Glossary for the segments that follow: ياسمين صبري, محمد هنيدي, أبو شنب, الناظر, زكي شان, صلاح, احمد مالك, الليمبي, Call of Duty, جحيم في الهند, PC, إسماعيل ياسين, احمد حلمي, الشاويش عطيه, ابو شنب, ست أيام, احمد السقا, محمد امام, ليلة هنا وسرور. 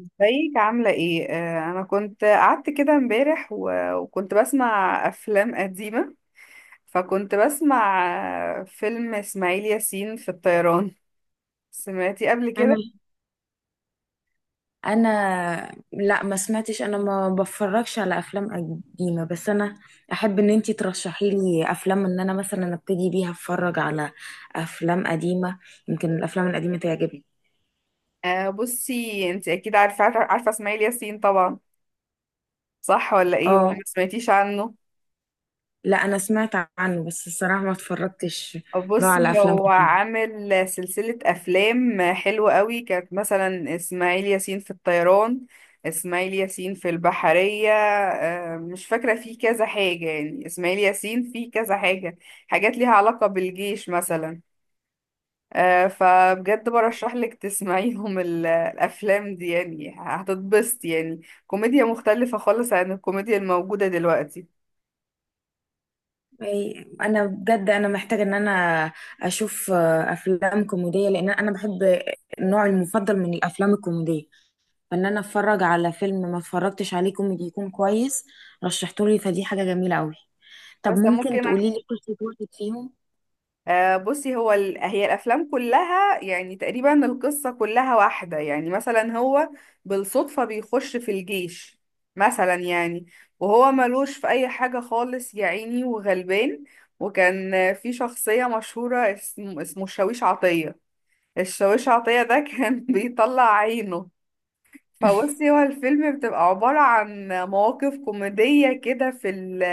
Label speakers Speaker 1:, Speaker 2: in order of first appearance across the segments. Speaker 1: ازيك عاملة ايه؟ انا كنت قعدت كده امبارح و- وكنت بسمع افلام قديمة. فكنت بسمع فيلم اسماعيل ياسين في الطيران. سمعتي قبل
Speaker 2: انا
Speaker 1: كده؟
Speaker 2: انا لا، ما سمعتش. انا ما بفرجش على افلام قديمه، بس انا احب ان انتي ترشحي لي افلام ان انا مثلا ابتدي بيها اتفرج على افلام قديمه. يمكن الافلام القديمه تعجبني.
Speaker 1: بصي، انت اكيد عارفة اسماعيل ياسين طبعا، صح ولا ايه ولا
Speaker 2: اه،
Speaker 1: ما سمعتيش عنه؟
Speaker 2: لا، انا سمعت عنه بس الصراحه ما اتفرجتش له على
Speaker 1: بصي،
Speaker 2: افلام
Speaker 1: هو
Speaker 2: كتير.
Speaker 1: عامل سلسلة أفلام حلوة قوي. كانت مثلا إسماعيل ياسين في الطيران، إسماعيل ياسين في البحرية. مش فاكرة، فيه كذا حاجة يعني، إسماعيل ياسين فيه كذا حاجة، حاجات ليها علاقة بالجيش مثلا. فبجد برشح لك تسمعيهم الأفلام دي، يعني هتتبسط، يعني كوميديا مختلفة خالص عن الكوميديا الموجودة دلوقتي.
Speaker 2: انا بجد محتاجه ان انا اشوف افلام كوميديه لان انا بحب النوع المفضل من الافلام الكوميديه. فان انا اتفرج على فيلم ما اتفرجتش عليه كوميدي يكون كويس. رشحتولي فدي حاجه جميله قوي. طب
Speaker 1: بس
Speaker 2: ممكن
Speaker 1: ممكن.
Speaker 2: تقولي لي قصه واحد فيهم؟
Speaker 1: بصي، هي الافلام كلها يعني تقريبا القصه كلها واحده، يعني مثلا هو بالصدفه بيخش في الجيش مثلا يعني، وهو ملوش في اي حاجه خالص، يا عيني وغلبان. وكان في شخصيه مشهوره اسمه الشاويش عطيه. الشاويش عطيه ده كان بيطلع عينه. فبصي، هو الفيلم بتبقى عبارة عن مواقف كوميدية كده في ال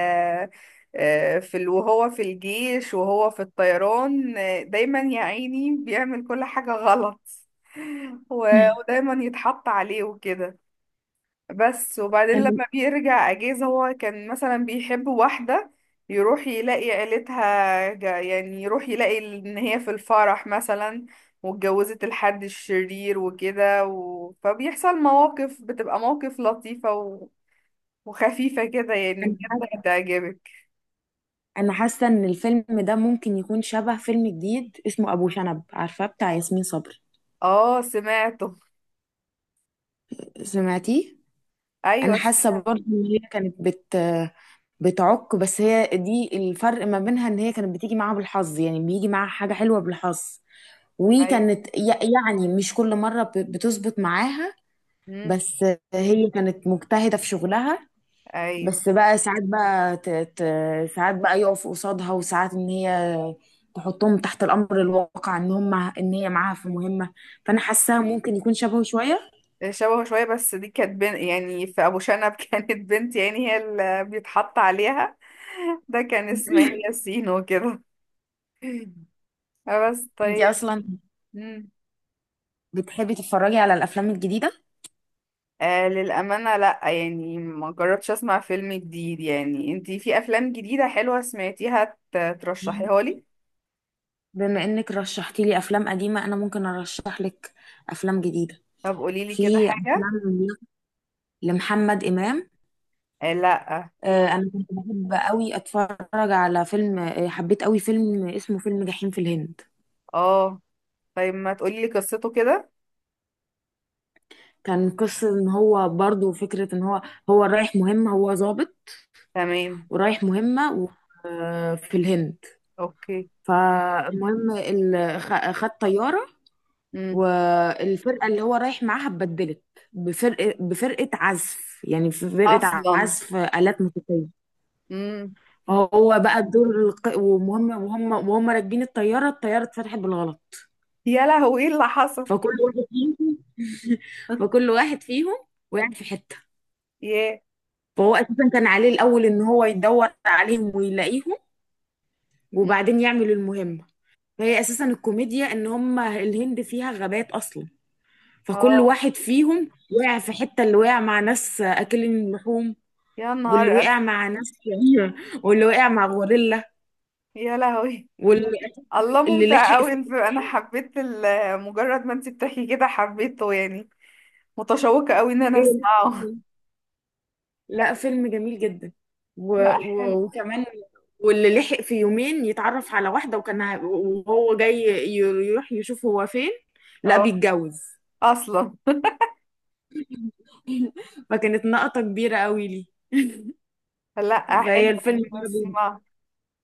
Speaker 1: آه، في ال وهو في الجيش وهو في الطيران. دايما يا عيني بيعمل كل حاجة غلط، و- ودايما يتحط عليه وكده. بس وبعدين
Speaker 2: انا
Speaker 1: لما بيرجع اجازة هو كان مثلا بيحب واحدة، يروح يلاقي عيلتها يعني يروح يلاقي ان هي في الفرح مثلا واتجوزت الحد الشرير وكده فبيحصل مواقف، بتبقى مواقف لطيفة و... وخفيفة كده، يعني
Speaker 2: انا
Speaker 1: بجد
Speaker 2: حاسه
Speaker 1: هتعجبك.
Speaker 2: انا حاسه ان الفيلم ده ممكن يكون شبه فيلم جديد اسمه ابو شنب، عارفاه بتاع ياسمين صبري؟
Speaker 1: اه سمعته.
Speaker 2: سمعتيه؟ انا
Speaker 1: ايوه
Speaker 2: حاسه
Speaker 1: سمعت.
Speaker 2: برضه ان هي كانت بتعك، بس هي دي الفرق ما بينها، ان هي كانت بتيجي معاها بالحظ، يعني بيجي معاها حاجه حلوه بالحظ.
Speaker 1: ايوه.
Speaker 2: وكانت يعني مش كل مره بتظبط معاها.
Speaker 1: امم.
Speaker 2: بس هي كانت مجتهدة في شغلها.
Speaker 1: ايوه.
Speaker 2: بس بقى ساعات بقى ساعات بقى يقف قصادها، وساعات ان هي تحطهم تحت الامر الواقع ان هم ان هي معاها في مهمة. فانا حاساها ممكن يكون شبهه شوية.
Speaker 1: شبهه شوية، بس دي كانت بنت يعني، في أبو شنب كانت بنت يعني، هي اللي بيتحط عليها. ده كان إسماعيل ياسين وكده. آه بس
Speaker 2: انتي
Speaker 1: طيب.
Speaker 2: اصلا
Speaker 1: مم.
Speaker 2: بتحبي تتفرجي على الافلام الجديدة؟
Speaker 1: آه، للأمانة لأ، يعني ما جربتش أسمع فيلم جديد. يعني انتي في أفلام جديدة حلوة سمعتيها ترشحيها
Speaker 2: مم.
Speaker 1: لي؟
Speaker 2: بما انك رشحتي لي افلام قديمة، انا ممكن ارشح لك افلام جديدة.
Speaker 1: طب قوليلي كده
Speaker 2: في
Speaker 1: حاجة.
Speaker 2: افلام لمحمد امام.
Speaker 1: آه لأ.
Speaker 2: انا كنت بحب قوي اتفرج على فيلم. حبيت قوي فيلم اسمه فيلم جحيم في الهند.
Speaker 1: اه طيب، ما تقوليلي قصته كده.
Speaker 2: كان قصة ان هو، برضو فكرة ان هو رايح مهمة، هو ضابط.
Speaker 1: تمام.
Speaker 2: ورايح مهمة في الهند.
Speaker 1: اوكي.
Speaker 2: فالمهم خد طيارة.
Speaker 1: مم.
Speaker 2: والفرقة اللي هو رايح معاها اتبدلت بفرقة عزف، يعني في فرقة
Speaker 1: أصلا.
Speaker 2: عزف آلات موسيقية.
Speaker 1: مم.
Speaker 2: هو بقى الدور ومهم، وهم راكبين الطيارة اتفتحت بالغلط.
Speaker 1: يا لهوي، ايه اللي حصل؟
Speaker 2: فكل واحد فيهم فكل واحد فيهم وقع في حتة.
Speaker 1: ياه.
Speaker 2: فهو أساسا كان عليه الأول إن هو يدور عليهم ويلاقيهم وبعدين يعمل المهمة. فهي أساسا الكوميديا إن هما الهند فيها غابات أصلا. فكل
Speaker 1: اه.
Speaker 2: واحد فيهم وقع في حتة، اللي وقع مع ناس أكلين لحوم،
Speaker 1: يا نهار
Speaker 2: واللي وقع
Speaker 1: أسود.
Speaker 2: مع ناس شريرة، واللي وقع مع غوريلا،
Speaker 1: يا لهوي.
Speaker 2: واللي أساساً
Speaker 1: الله،
Speaker 2: اللي
Speaker 1: ممتع
Speaker 2: لحق
Speaker 1: قوي!
Speaker 2: في
Speaker 1: انت، انا حبيت مجرد ما انت بتحكي كده حبيته يعني. متشوقة قوي ان انا
Speaker 2: الخيل.
Speaker 1: اسمعه.
Speaker 2: لا، فيلم جميل جدا.
Speaker 1: لا حلو.
Speaker 2: وكمان، واللي لحق في يومين يتعرف على واحدة، وكان وهو جاي يروح يشوف هو فين. لا،
Speaker 1: اه.
Speaker 2: بيتجوز.
Speaker 1: اصلا.
Speaker 2: فكانت نقطة كبيرة قوي لي.
Speaker 1: لا
Speaker 2: فهي
Speaker 1: حلو.
Speaker 2: الفيلم ده
Speaker 1: اسمع،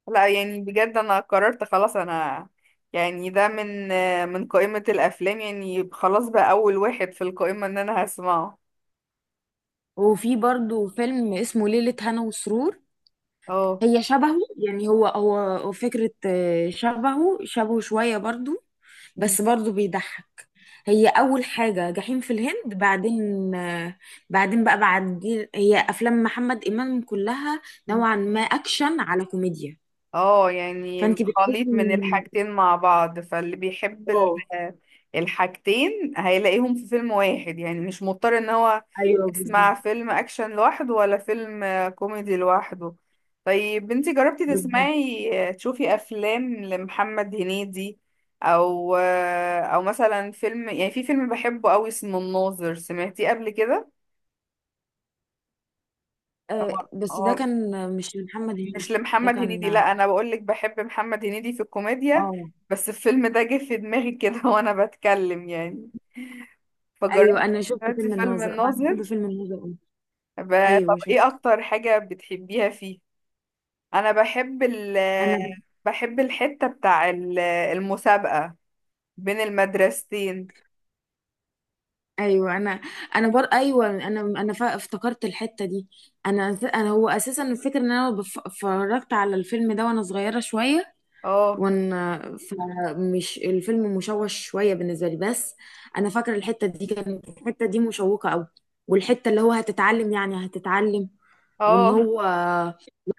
Speaker 1: لا يعني بجد، انا قررت خلاص. انا يعني ده من قائمة الافلام، يعني خلاص بقى اول واحد في القائمة ان انا هسمعه.
Speaker 2: وفي برضو فيلم اسمه ليلة هنا وسرور.
Speaker 1: اه.
Speaker 2: هي شبهه، يعني هو فكرة، شبهه شوية برضو، بس برضو بيضحك. هي اول حاجه جحيم في الهند، بعدين بعدين بقى بعد. هي افلام محمد امام كلها نوعا ما اكشن على كوميديا.
Speaker 1: اه، يعني
Speaker 2: فانت بتحسي
Speaker 1: خليط من الحاجتين مع بعض، فاللي بيحب ال-
Speaker 2: اه.
Speaker 1: الحاجتين هيلاقيهم في فيلم واحد، يعني مش مضطر ان هو
Speaker 2: ايوه بالظبط.
Speaker 1: يسمع فيلم اكشن لوحده ولا فيلم كوميدي لوحده. طيب بنتي، جربتي
Speaker 2: بالظبط.
Speaker 1: تسمعي تشوفي افلام لمحمد هنيدي، او او مثلا فيلم، يعني في فيلم بحبه قوي اسمه الناظر، سمعتيه قبل كده؟
Speaker 2: بس ده
Speaker 1: هو
Speaker 2: كان، مش محمد
Speaker 1: مش
Speaker 2: هنيدي، ده
Speaker 1: لمحمد
Speaker 2: كان
Speaker 1: هنيدي، لا
Speaker 2: اه.
Speaker 1: انا بقول لك بحب محمد هنيدي في الكوميديا،
Speaker 2: آه،
Speaker 1: بس الفيلم ده جه في دماغي كده وانا بتكلم يعني.
Speaker 2: ايوه،
Speaker 1: فجربت.
Speaker 2: انا شفت
Speaker 1: دلوقتي
Speaker 2: فيلم
Speaker 1: فيلم
Speaker 2: الناظر، انا بحب
Speaker 1: الناظر،
Speaker 2: فيلم الناظر أوي.
Speaker 1: طب
Speaker 2: ايوه
Speaker 1: ايه
Speaker 2: شفته.
Speaker 1: اكتر حاجة بتحبيها فيه؟ انا بحب ال
Speaker 2: انا
Speaker 1: بحب الحتة بتاع المسابقة بين المدرستين.
Speaker 2: ايوه، انا انا بر ايوه، افتكرت الحته دي. انا، هو اساسا الفكره ان انا اتفرجت على الفيلم ده وانا صغيره شويه،
Speaker 1: اه.
Speaker 2: وانا فمش الفيلم مشوش شويه بالنسبه لي، بس انا فاكره الحته دي، كانت الحته دي مشوقه قوي. والحته اللي هو هتتعلم، يعني هتتعلم. وان
Speaker 1: اه
Speaker 2: هو،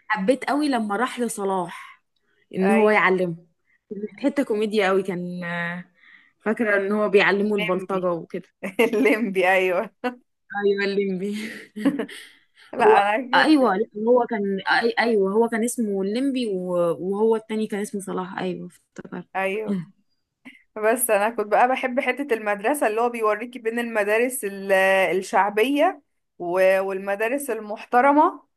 Speaker 2: حبيت قوي لما راح لصلاح ان هو
Speaker 1: ايوه،
Speaker 2: يعلمه. حته كوميديا قوي كان. فاكره ان هو بيعلمه
Speaker 1: الليمبي
Speaker 2: البلطجه وكده.
Speaker 1: الليمبي، ايوه.
Speaker 2: ايوه الليمبي.
Speaker 1: لا
Speaker 2: هو
Speaker 1: انا كده.
Speaker 2: ايوه، لا، ايوه، هو كان اسمه الليمبي، و... وهو التاني كان اسمه صلاح. ايوه افتكرت.
Speaker 1: ايوه. بس انا كنت بقى بحب حتة المدرسة اللي هو بيوريكي بين المدارس الشعبية و- والمدارس المحترمة.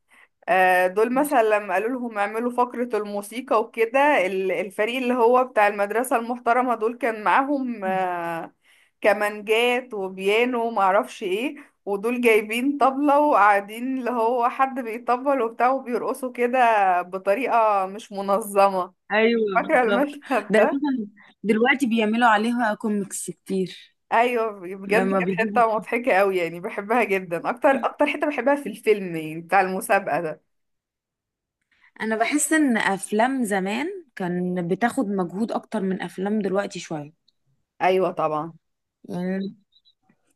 Speaker 1: دول مثلا لما قالوا لهم اعملوا فقرة الموسيقى وكده، الفريق اللي هو بتاع المدرسة المحترمة دول كان معاهم كمانجات وبيانو ومعرفش ايه، ودول جايبين طبلة وقاعدين، اللي هو حد بيطبل وبتاع وبيرقصوا كده بطريقة مش منظمة.
Speaker 2: ايوه
Speaker 1: فاكرة
Speaker 2: بالظبط.
Speaker 1: المشهد
Speaker 2: ده
Speaker 1: ده؟
Speaker 2: أساساً دلوقتي بيعملوا عليها كوميكس كتير.
Speaker 1: ايوه بجد،
Speaker 2: لما
Speaker 1: كانت
Speaker 2: بيجيبوا.
Speaker 1: حته مضحكه قوي يعني، بحبها جدا، اكتر اكتر حته بحبها في الفيلم، يعني بتاع المسابقه ده.
Speaker 2: انا بحس ان افلام زمان كان بتاخد مجهود اكتر من افلام دلوقتي شويه.
Speaker 1: ايوه طبعا.
Speaker 2: يعني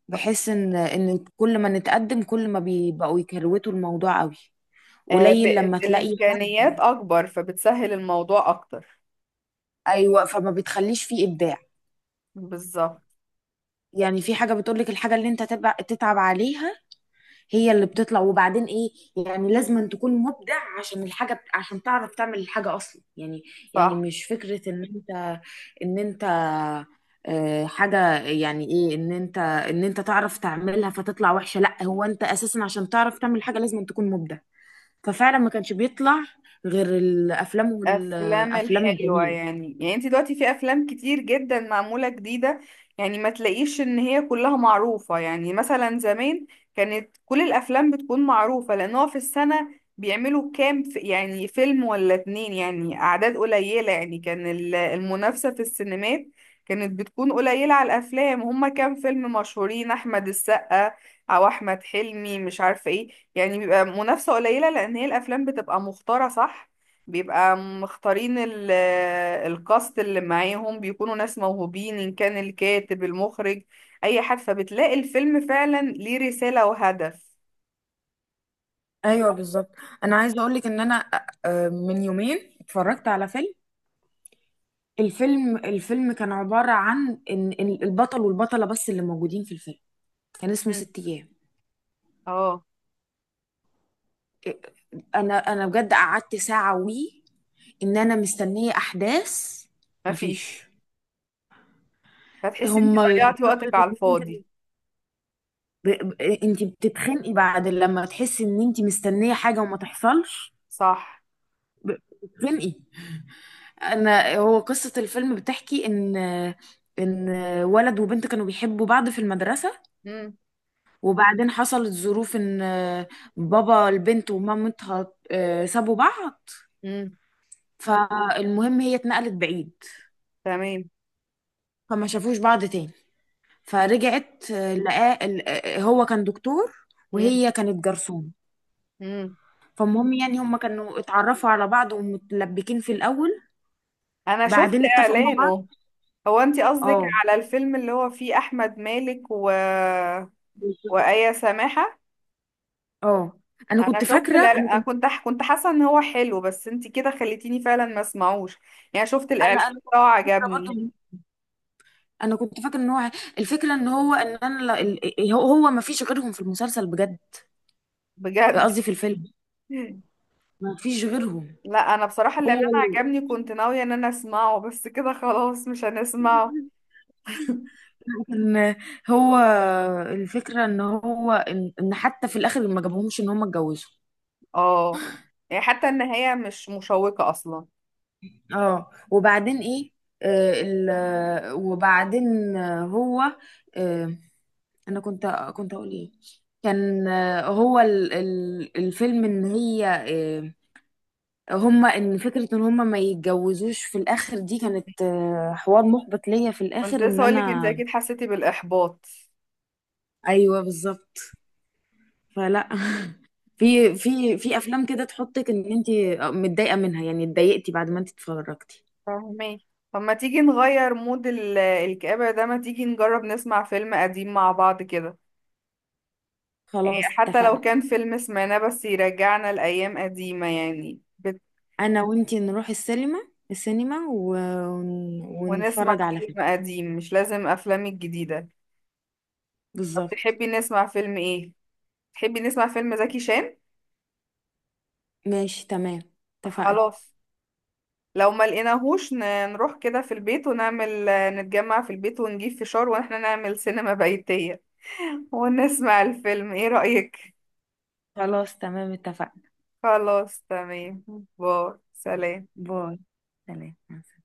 Speaker 2: بحس ان كل ما نتقدم، كل ما بيبقوا يكروتوا الموضوع قوي.
Speaker 1: آه ب...
Speaker 2: قليل لما تلاقي
Speaker 1: الامكانيات
Speaker 2: حد.
Speaker 1: اكبر فبتسهل الموضوع اكتر.
Speaker 2: ايوه، فما بتخليش فيه ابداع.
Speaker 1: بالظبط.
Speaker 2: يعني في حاجة بتقولك الحاجة اللي انت تتعب عليها هي اللي بتطلع. وبعدين ايه، يعني لازم أن تكون مبدع عشان الحاجة عشان تعرف تعمل الحاجة اصلا، يعني. يعني
Speaker 1: صح.
Speaker 2: مش فكرة ان انت حاجة، يعني ايه ان انت ان انت تعرف تعملها فتطلع وحشة. لا، هو انت اساسا عشان تعرف تعمل حاجة لازم أن تكون مبدع. ففعلا ما كانش بيطلع غير الافلام
Speaker 1: افلام
Speaker 2: والافلام
Speaker 1: الحلوه
Speaker 2: الجميلة.
Speaker 1: يعني انت دلوقتي في افلام كتير جدا معموله جديده، يعني ما تلاقيش ان هي كلها معروفه. يعني مثلا زمان كانت كل الافلام بتكون معروفه، لان هو في السنه بيعملوا كام يعني فيلم ولا اتنين يعني، اعداد قليله يعني. كان المنافسه في السينمات كانت بتكون قليله على الافلام، هما كام فيلم مشهورين، احمد السقا او احمد حلمي مش عارفه ايه. يعني بيبقى منافسه قليله، لان هي الافلام بتبقى مختاره، صح، بيبقى مختارين الكاست اللي معاهم بيكونوا ناس موهوبين، إن كان الكاتب، المخرج، أي حد، فبتلاقي الفيلم فعلا ليه رسالة وهدف.
Speaker 2: ايوه بالظبط. انا عايزه اقول لك ان انا من يومين اتفرجت على فيلم. الفيلم كان عبارة عن إن البطل والبطلة بس اللي موجودين في الفيلم. كان اسمه
Speaker 1: مم.
Speaker 2: ست أيام.
Speaker 1: اه.
Speaker 2: أنا بجد قعدت ساعة وي، إن أنا مستنية أحداث. مفيش.
Speaker 1: مفيش. فتحسي انت
Speaker 2: هما
Speaker 1: ضيعتي وقتك
Speaker 2: قصة
Speaker 1: على
Speaker 2: اتنين
Speaker 1: الفاضي.
Speaker 2: كده. انت بتتخنقي بعد لما تحسي ان انت مستنية حاجة وما تحصلش.
Speaker 1: صح.
Speaker 2: ب- بتتخنقي. انا، هو قصة الفيلم بتحكي ان ولد وبنت كانوا بيحبوا بعض في المدرسة.
Speaker 1: مم.
Speaker 2: وبعدين حصلت ظروف ان، بابا البنت ومامتها، سابوا بعض.
Speaker 1: مم.
Speaker 2: فالمهم هي اتنقلت بعيد،
Speaker 1: تمام.
Speaker 2: فما شافوش بعض تاني.
Speaker 1: مم.
Speaker 2: فرجعت لقاه هو كان دكتور،
Speaker 1: مم.
Speaker 2: وهي كانت جرسون.
Speaker 1: مم.
Speaker 2: فالمهم يعني هما كانوا اتعرفوا على بعض ومتلبكين في الاول،
Speaker 1: انا شفت
Speaker 2: بعدين اتفقوا مع بعض.
Speaker 1: اعلانه. هو انت قصدك
Speaker 2: اه،
Speaker 1: على الفيلم اللي هو فيه احمد مالك و...
Speaker 2: بالظبط.
Speaker 1: وآية سماحة؟
Speaker 2: اه. انا
Speaker 1: انا
Speaker 2: كنت
Speaker 1: شفت
Speaker 2: فاكره، انا
Speaker 1: الإعلان،
Speaker 2: كنت،
Speaker 1: كنت حاسه ان هو حلو، بس انت كده خليتيني فعلا ما اسمعوش. يعني شفت
Speaker 2: انا
Speaker 1: الاعلان
Speaker 2: انا
Speaker 1: بتاعه
Speaker 2: كنت فاكره برضه
Speaker 1: عجبني
Speaker 2: انا كنت فاكره ان هو الفكره ان هو، ان انا لا- ال- هو ما فيش غيرهم في المسلسل، بجد،
Speaker 1: بجد.
Speaker 2: قصدي في الفيلم، ما فيش غيرهم.
Speaker 1: لا انا بصراحه الاعلان
Speaker 2: هو ال-
Speaker 1: عجبني، كنت ناويه ان انا اسمعه، بس كده خلاص مش هنسمعه.
Speaker 2: ان هو الفكرة ان هو إن حتى في الاخر ما جابهمش ان هم اتجوزوا.
Speaker 1: اه يعني حتى النهايه مش مشوقه اصلا.
Speaker 2: اه، وبعدين ايه. آه ال آه، وبعدين هو، آه، انا كنت اقول ايه. كان هو ال الفيلم ان هي، آه، هما، فكرة ان هما ما يتجوزوش في الاخر، دي كانت حوار محبط ليا في الاخر
Speaker 1: كنت
Speaker 2: ان
Speaker 1: لسه اقول لك انت
Speaker 2: انا.
Speaker 1: اكيد حسيتي بالاحباط.
Speaker 2: ايوه بالظبط. فلا، في افلام كده تحطك ان انت متضايقه منها، يعني اتضايقتي بعد ما انت اتفرجتي.
Speaker 1: فاهمين. طب ما تيجي نغير مود الكآبة ده؟ ما تيجي نجرب نسمع فيلم قديم مع بعض كده؟
Speaker 2: خلاص
Speaker 1: حتى لو
Speaker 2: اتفقنا.
Speaker 1: كان فيلم سمعناه بس يرجعنا لأيام قديمة، يعني
Speaker 2: انا وانت نروح السينما
Speaker 1: ونسمع
Speaker 2: ونتفرج على
Speaker 1: فيلم
Speaker 2: فيلم.
Speaker 1: قديم مش لازم أفلام الجديدة. طب
Speaker 2: بالظبط.
Speaker 1: تحبي نسمع فيلم إيه؟ تحبي نسمع فيلم زكي شان؟
Speaker 2: ماشي تمام. اتفقنا.
Speaker 1: خلاص. لو ما لقيناهوش نروح كده في البيت ونعمل، نتجمع في البيت ونجيب فشار واحنا نعمل سينما بيتية ونسمع الفيلم. إيه رأيك؟
Speaker 2: خلاص تمام. اتفقنا.
Speaker 1: خلاص تمام. باي، سلام.
Speaker 2: باي. سلام مع السلامة.